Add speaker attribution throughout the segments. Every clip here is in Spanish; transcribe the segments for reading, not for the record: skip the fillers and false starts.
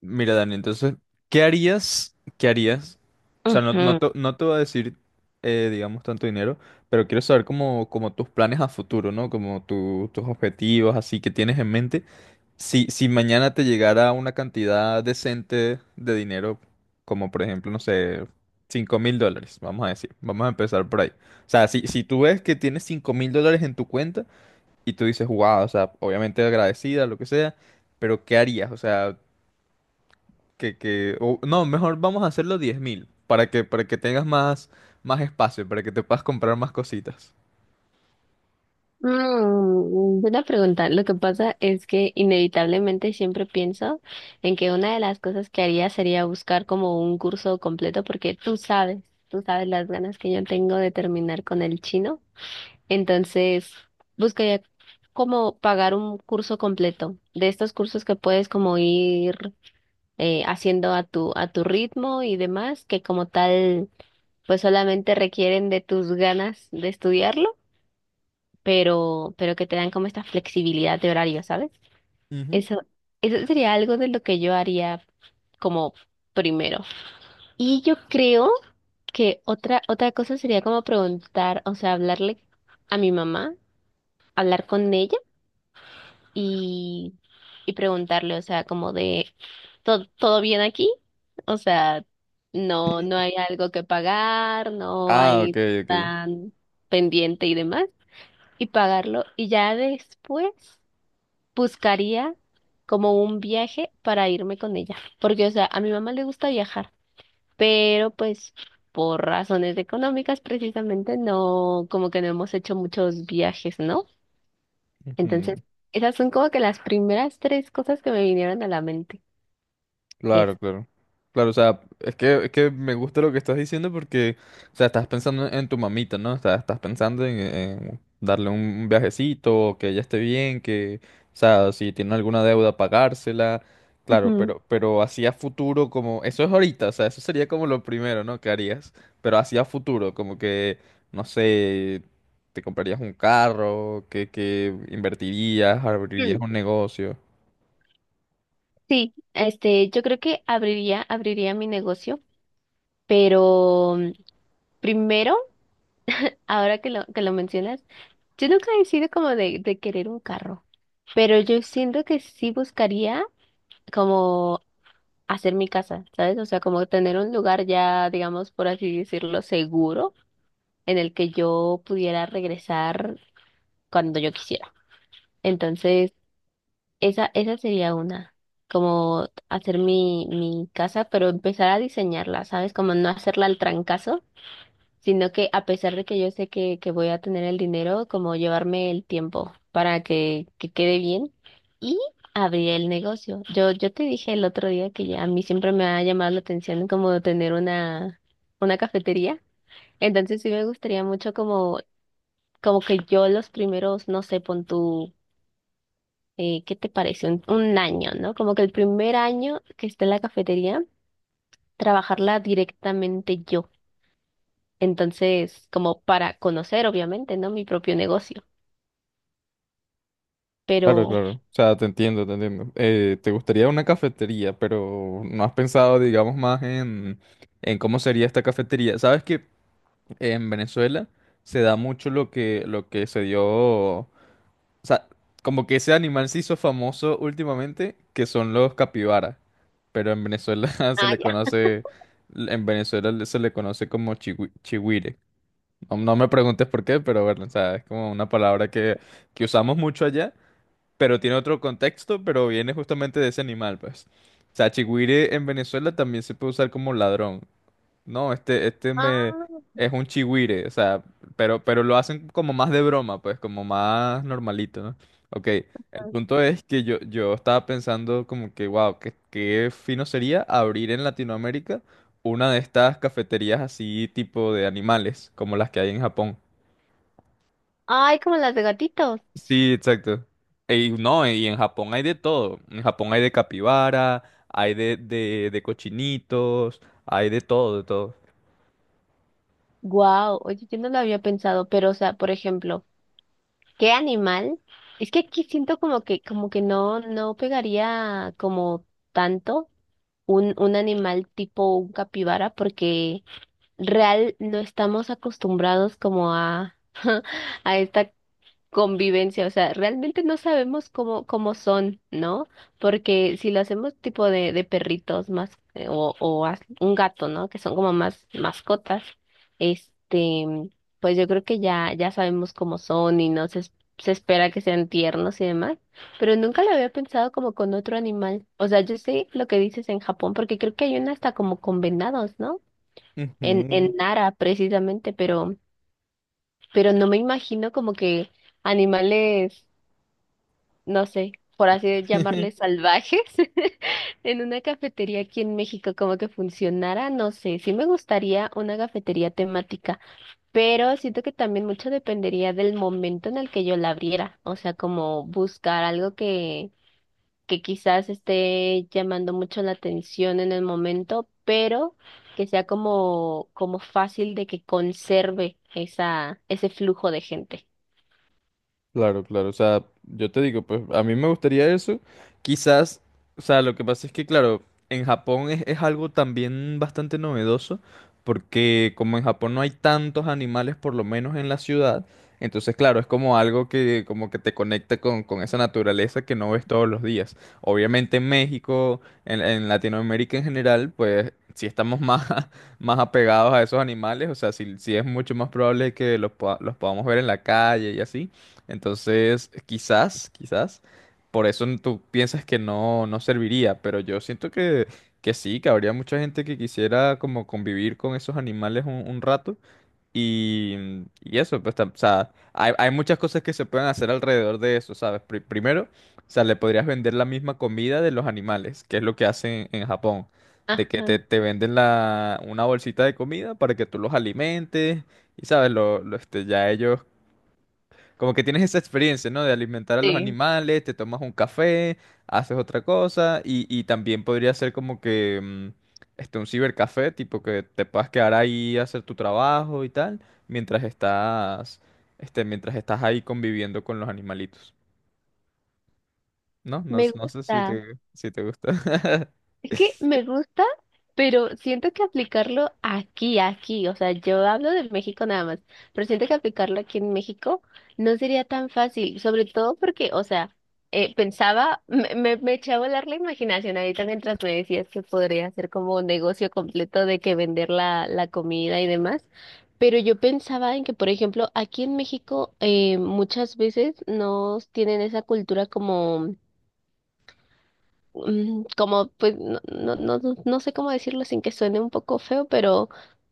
Speaker 1: Mira, Dani, entonces, ¿qué harías? O sea, no, no
Speaker 2: Ujú.
Speaker 1: te, no te voy a decir, digamos, tanto dinero, pero quiero saber como tus planes a futuro, ¿no? Como tus objetivos, así que tienes en mente. Si mañana te llegara una cantidad decente de dinero, como por ejemplo, no sé, $5.000, vamos a decir, vamos a empezar por ahí. O sea, si tú ves que tienes $5.000 en tu cuenta y tú dices, wow, o sea, obviamente agradecida, lo que sea, pero ¿qué harías? O sea, que o- no, mejor vamos a hacerlo 10.000 para que tengas más, más espacio, para que te puedas comprar más cositas.
Speaker 2: Mm, buena pregunta. Lo que pasa es que inevitablemente siempre pienso en que una de las cosas que haría sería buscar como un curso completo porque tú sabes las ganas que yo tengo de terminar con el chino. Entonces, buscaría como pagar un curso completo de estos cursos que puedes como ir haciendo a tu ritmo y demás, que como tal pues solamente requieren de tus ganas de estudiarlo pero que te dan como esta flexibilidad de horario, ¿sabes?
Speaker 1: Ujú.
Speaker 2: Eso, eso sería algo de lo que yo haría como primero. Y yo creo que otra cosa sería como preguntar, o sea, hablarle a mi mamá, hablar con ella y, y preguntarle, o sea, como de, ¿todo, todo bien aquí? O sea, no, no hay algo que pagar, no
Speaker 1: Ah, ok,
Speaker 2: hay
Speaker 1: ok.
Speaker 2: tan pendiente y demás, y pagarlo. Y ya después buscaría como un viaje para irme con ella, porque, o sea, a mi mamá le gusta viajar, pero pues por razones económicas precisamente no, como que no hemos hecho muchos viajes, ¿no?
Speaker 1: Ujú.
Speaker 2: Entonces, esas son como que las primeras tres cosas que me vinieron a la mente. Es.
Speaker 1: Claro, claro. Claro, o sea, es que me gusta lo que estás diciendo porque, o sea, estás pensando en tu mamita, ¿no? O sea, estás pensando en darle un viajecito, que ella esté bien, que, o sea, si tiene alguna deuda, pagársela. Claro,
Speaker 2: Ujú.
Speaker 1: pero hacia futuro, como, eso es ahorita, o sea, eso sería como lo primero, ¿no? ¿Que harías? Pero hacia futuro, como que, no sé, te comprarías un carro, que invertirías, abrirías
Speaker 2: Mm,
Speaker 1: un negocio.
Speaker 2: sí, este, yo creo que abriría mi negocio, pero primero, ahora que lo mencionas, yo nunca he sido como de querer un carro. Pero yo siento que sí buscaría como hacer mi casa, ¿sabes? O sea, como tener un lugar ya, digamos, por así decirlo, seguro en el que yo pudiera regresar cuando yo quisiera. Entonces, esa sería una, como hacer mi casa, pero empezar a diseñarla, ¿sabes? Como no hacerla al trancazo, sino que a pesar de que yo sé que voy a tener el dinero, como llevarme el tiempo para que quede bien y abrir el negocio. Yo te dije el otro día que ya a mí siempre me ha llamado la atención como tener una cafetería. Entonces sí me gustaría mucho como que yo los primeros, no sé, pon tú, ¿qué te parece? Un año, ¿no? Como que el primer año que esté en la cafetería, trabajarla directamente yo. Entonces, como para conocer, obviamente, ¿no? Mi propio negocio.
Speaker 1: Claro,
Speaker 2: Pero,
Speaker 1: claro. O sea, te entiendo, te entiendo. Te gustaría una cafetería, pero no has pensado, digamos, más en cómo sería esta cafetería. Sabes que en Venezuela se da mucho lo lo que se dio. O sea, como que ese animal se hizo famoso últimamente, que son los capibaras. Pero en Venezuela se
Speaker 2: ah,
Speaker 1: le
Speaker 2: ya.
Speaker 1: conoce. En Venezuela se le conoce como chihuire. No me preguntes por qué, pero bueno, o sea, es como una palabra que usamos mucho allá pero tiene otro contexto, pero viene justamente de ese animal, pues. O sea, chigüire en Venezuela también se puede usar como ladrón. No, este
Speaker 2: Ah,
Speaker 1: me es un chigüire, o sea, pero lo hacen como más de broma, pues, como más normalito, ¿no? Ok, el punto es que yo estaba pensando como que, wow, qué fino sería abrir en Latinoamérica una de estas cafeterías así tipo de animales, como las que hay en Japón.
Speaker 2: ay, como las de gatitos.
Speaker 1: Sí, exacto. Y no, y en Japón hay de todo. En Japón hay de capibara, hay de cochinitos, hay de todo, de todo.
Speaker 2: Wow, oye, yo no lo había pensado, pero, o sea, por ejemplo, ¿qué animal? Es que aquí siento como que no, no pegaría como tanto un animal tipo un capibara, porque real no estamos acostumbrados como a esta convivencia, o sea, realmente no sabemos cómo son, ¿no? Porque si lo hacemos tipo de perritos más, o un gato, ¿no? Que son como más mascotas, este, pues yo creo que ya, ya sabemos cómo son y no se, es- se espera que sean tiernos y demás, pero nunca lo había pensado como con otro animal. O sea, yo sé lo que dices en Japón, porque creo que hay una hasta como con venados, ¿no? En,
Speaker 1: Ujú.
Speaker 2: en Nara, precisamente, pero no me imagino como que animales no sé, por así llamarles salvajes en una cafetería aquí en México, como que funcionara, no sé, sí me gustaría una cafetería temática, pero siento que también mucho dependería del momento en el que yo la abriera, o sea, como buscar algo que quizás esté llamando mucho la atención en el momento, pero que sea como, como fácil de que conserve esa, ese flujo de gente.
Speaker 1: Claro, claro, o sea, yo te digo, pues a mí me gustaría eso, quizás, o sea, lo que pasa es que, claro, en Japón es algo también bastante novedoso, porque como en Japón no hay tantos animales, por lo menos en la ciudad, entonces, claro, es como algo que como que te conecta con esa naturaleza que no ves todos los días. Obviamente en México, en Latinoamérica en general, pues sí estamos más, más apegados a esos animales, o sea, sí, sí es mucho más probable que los, los podamos ver en la calle y así. Entonces, quizás, quizás, por eso tú piensas que no, no serviría, pero yo siento que sí, que habría mucha gente que quisiera como convivir con esos animales un rato y, mm, y eso, pues, o sea, hay muchas cosas que se pueden hacer alrededor de eso, ¿sabes? Primero, o sea, le podrías vender la misma comida de los animales, que es lo que hacen en Japón, de que
Speaker 2: Ajá,
Speaker 1: te venden una bolsita de comida para que tú los alimentes y, ¿sabes? Ya ellos como que tienes esa experiencia, ¿no? De alimentar a los
Speaker 2: sí.
Speaker 1: animales, te tomas un café, haces otra cosa y también podría ser como que un cibercafé, tipo que te puedas quedar ahí a hacer tu trabajo y tal, mientras estás, mientras estás ahí conviviendo con los animalitos, ¿no? No,
Speaker 2: Me
Speaker 1: no sé si
Speaker 2: gusta.
Speaker 1: te, si te gusta.
Speaker 2: Es que me gusta, pero siento que aplicarlo aquí, o sea, yo hablo de México nada más, pero siento que aplicarlo aquí en México no sería tan fácil, sobre todo porque, o sea, pensaba, me eché a volar la imaginación ahorita mientras me decías que podría hacer como un negocio completo de que vender la comida y demás. Pero yo pensaba en que, por ejemplo, aquí en México muchas veces no tienen esa cultura como como, pues, no, no, no, no no sé cómo decirlo sin que suene un poco feo, pero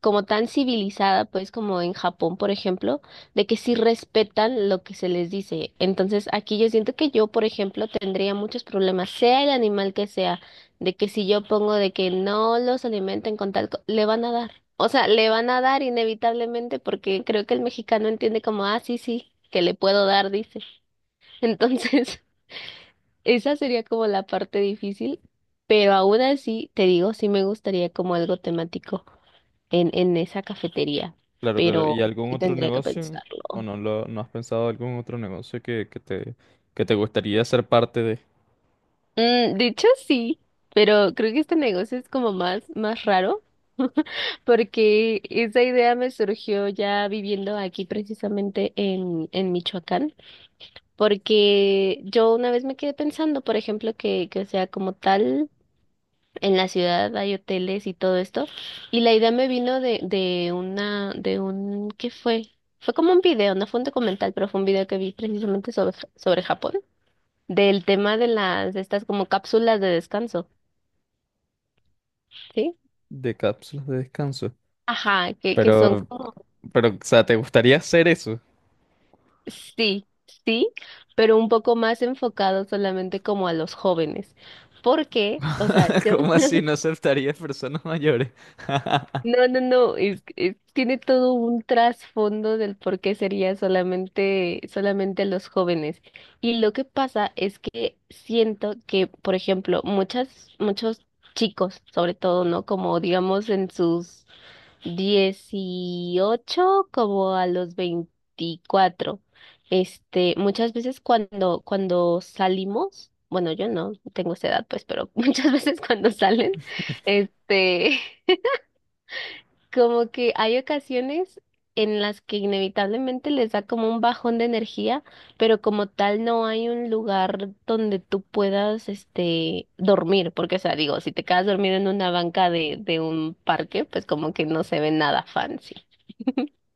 Speaker 2: como tan civilizada, pues, como en Japón, por ejemplo, de que sí respetan lo que se les dice. Entonces, aquí yo siento que yo, por ejemplo, tendría muchos problemas, sea el animal que sea, de que si yo pongo de que no los alimenten con tal, co- le van a dar. O sea, le van a dar inevitablemente porque creo que el mexicano entiende como, ah, sí, sí, que le puedo dar, dice. Entonces... Esa sería como la parte difícil, pero aún así, te digo, sí me gustaría como algo temático en esa cafetería,
Speaker 1: Claro, claro.
Speaker 2: pero
Speaker 1: ¿Y algún
Speaker 2: sí
Speaker 1: otro
Speaker 2: tendría que
Speaker 1: negocio? ¿O
Speaker 2: pensarlo.
Speaker 1: no no has pensado algún otro negocio que te gustaría ser parte
Speaker 2: Mm, de hecho, sí, pero creo que este negocio es como más, más raro, porque esa idea me surgió ya viviendo aquí precisamente en Michoacán, porque yo una vez me quedé pensando, por ejemplo, que o sea como tal. En la ciudad hay hoteles y todo esto. Y la idea me vino de una, de un, ¿qué fue? Fue como un video, no fue un documental, pero fue un video que vi precisamente sobre, sobre Japón, del tema de las, de estas como cápsulas de descanso, ¿sí?
Speaker 1: de cápsulas de descanso?
Speaker 2: Ajá, que son
Speaker 1: Pero
Speaker 2: como,
Speaker 1: Pero, o sea, ¿te gustaría hacer eso?
Speaker 2: sí, sí, pero un poco más enfocado solamente como a los jóvenes. Porque, o sea, yo,
Speaker 1: ¿Cómo así no aceptarías personas mayores?
Speaker 2: No, no, no, es- tiene todo un trasfondo del por qué sería solamente, solamente los jóvenes. Y lo que pasa es que siento que, por ejemplo, muchas, muchos chicos, sobre todo, ¿no? Como digamos en sus 18, como a los 24. Este, muchas veces cuando salimos, bueno, yo no tengo esa edad, pues, pero muchas veces cuando salen, este... Como que hay ocasiones en las que inevitablemente les da como un bajón de energía, pero como tal no hay un lugar donde tú puedas, este, dormir, porque, o sea, digo, si te quedas dormido en una banca de un parque, pues como que no se ve nada fancy.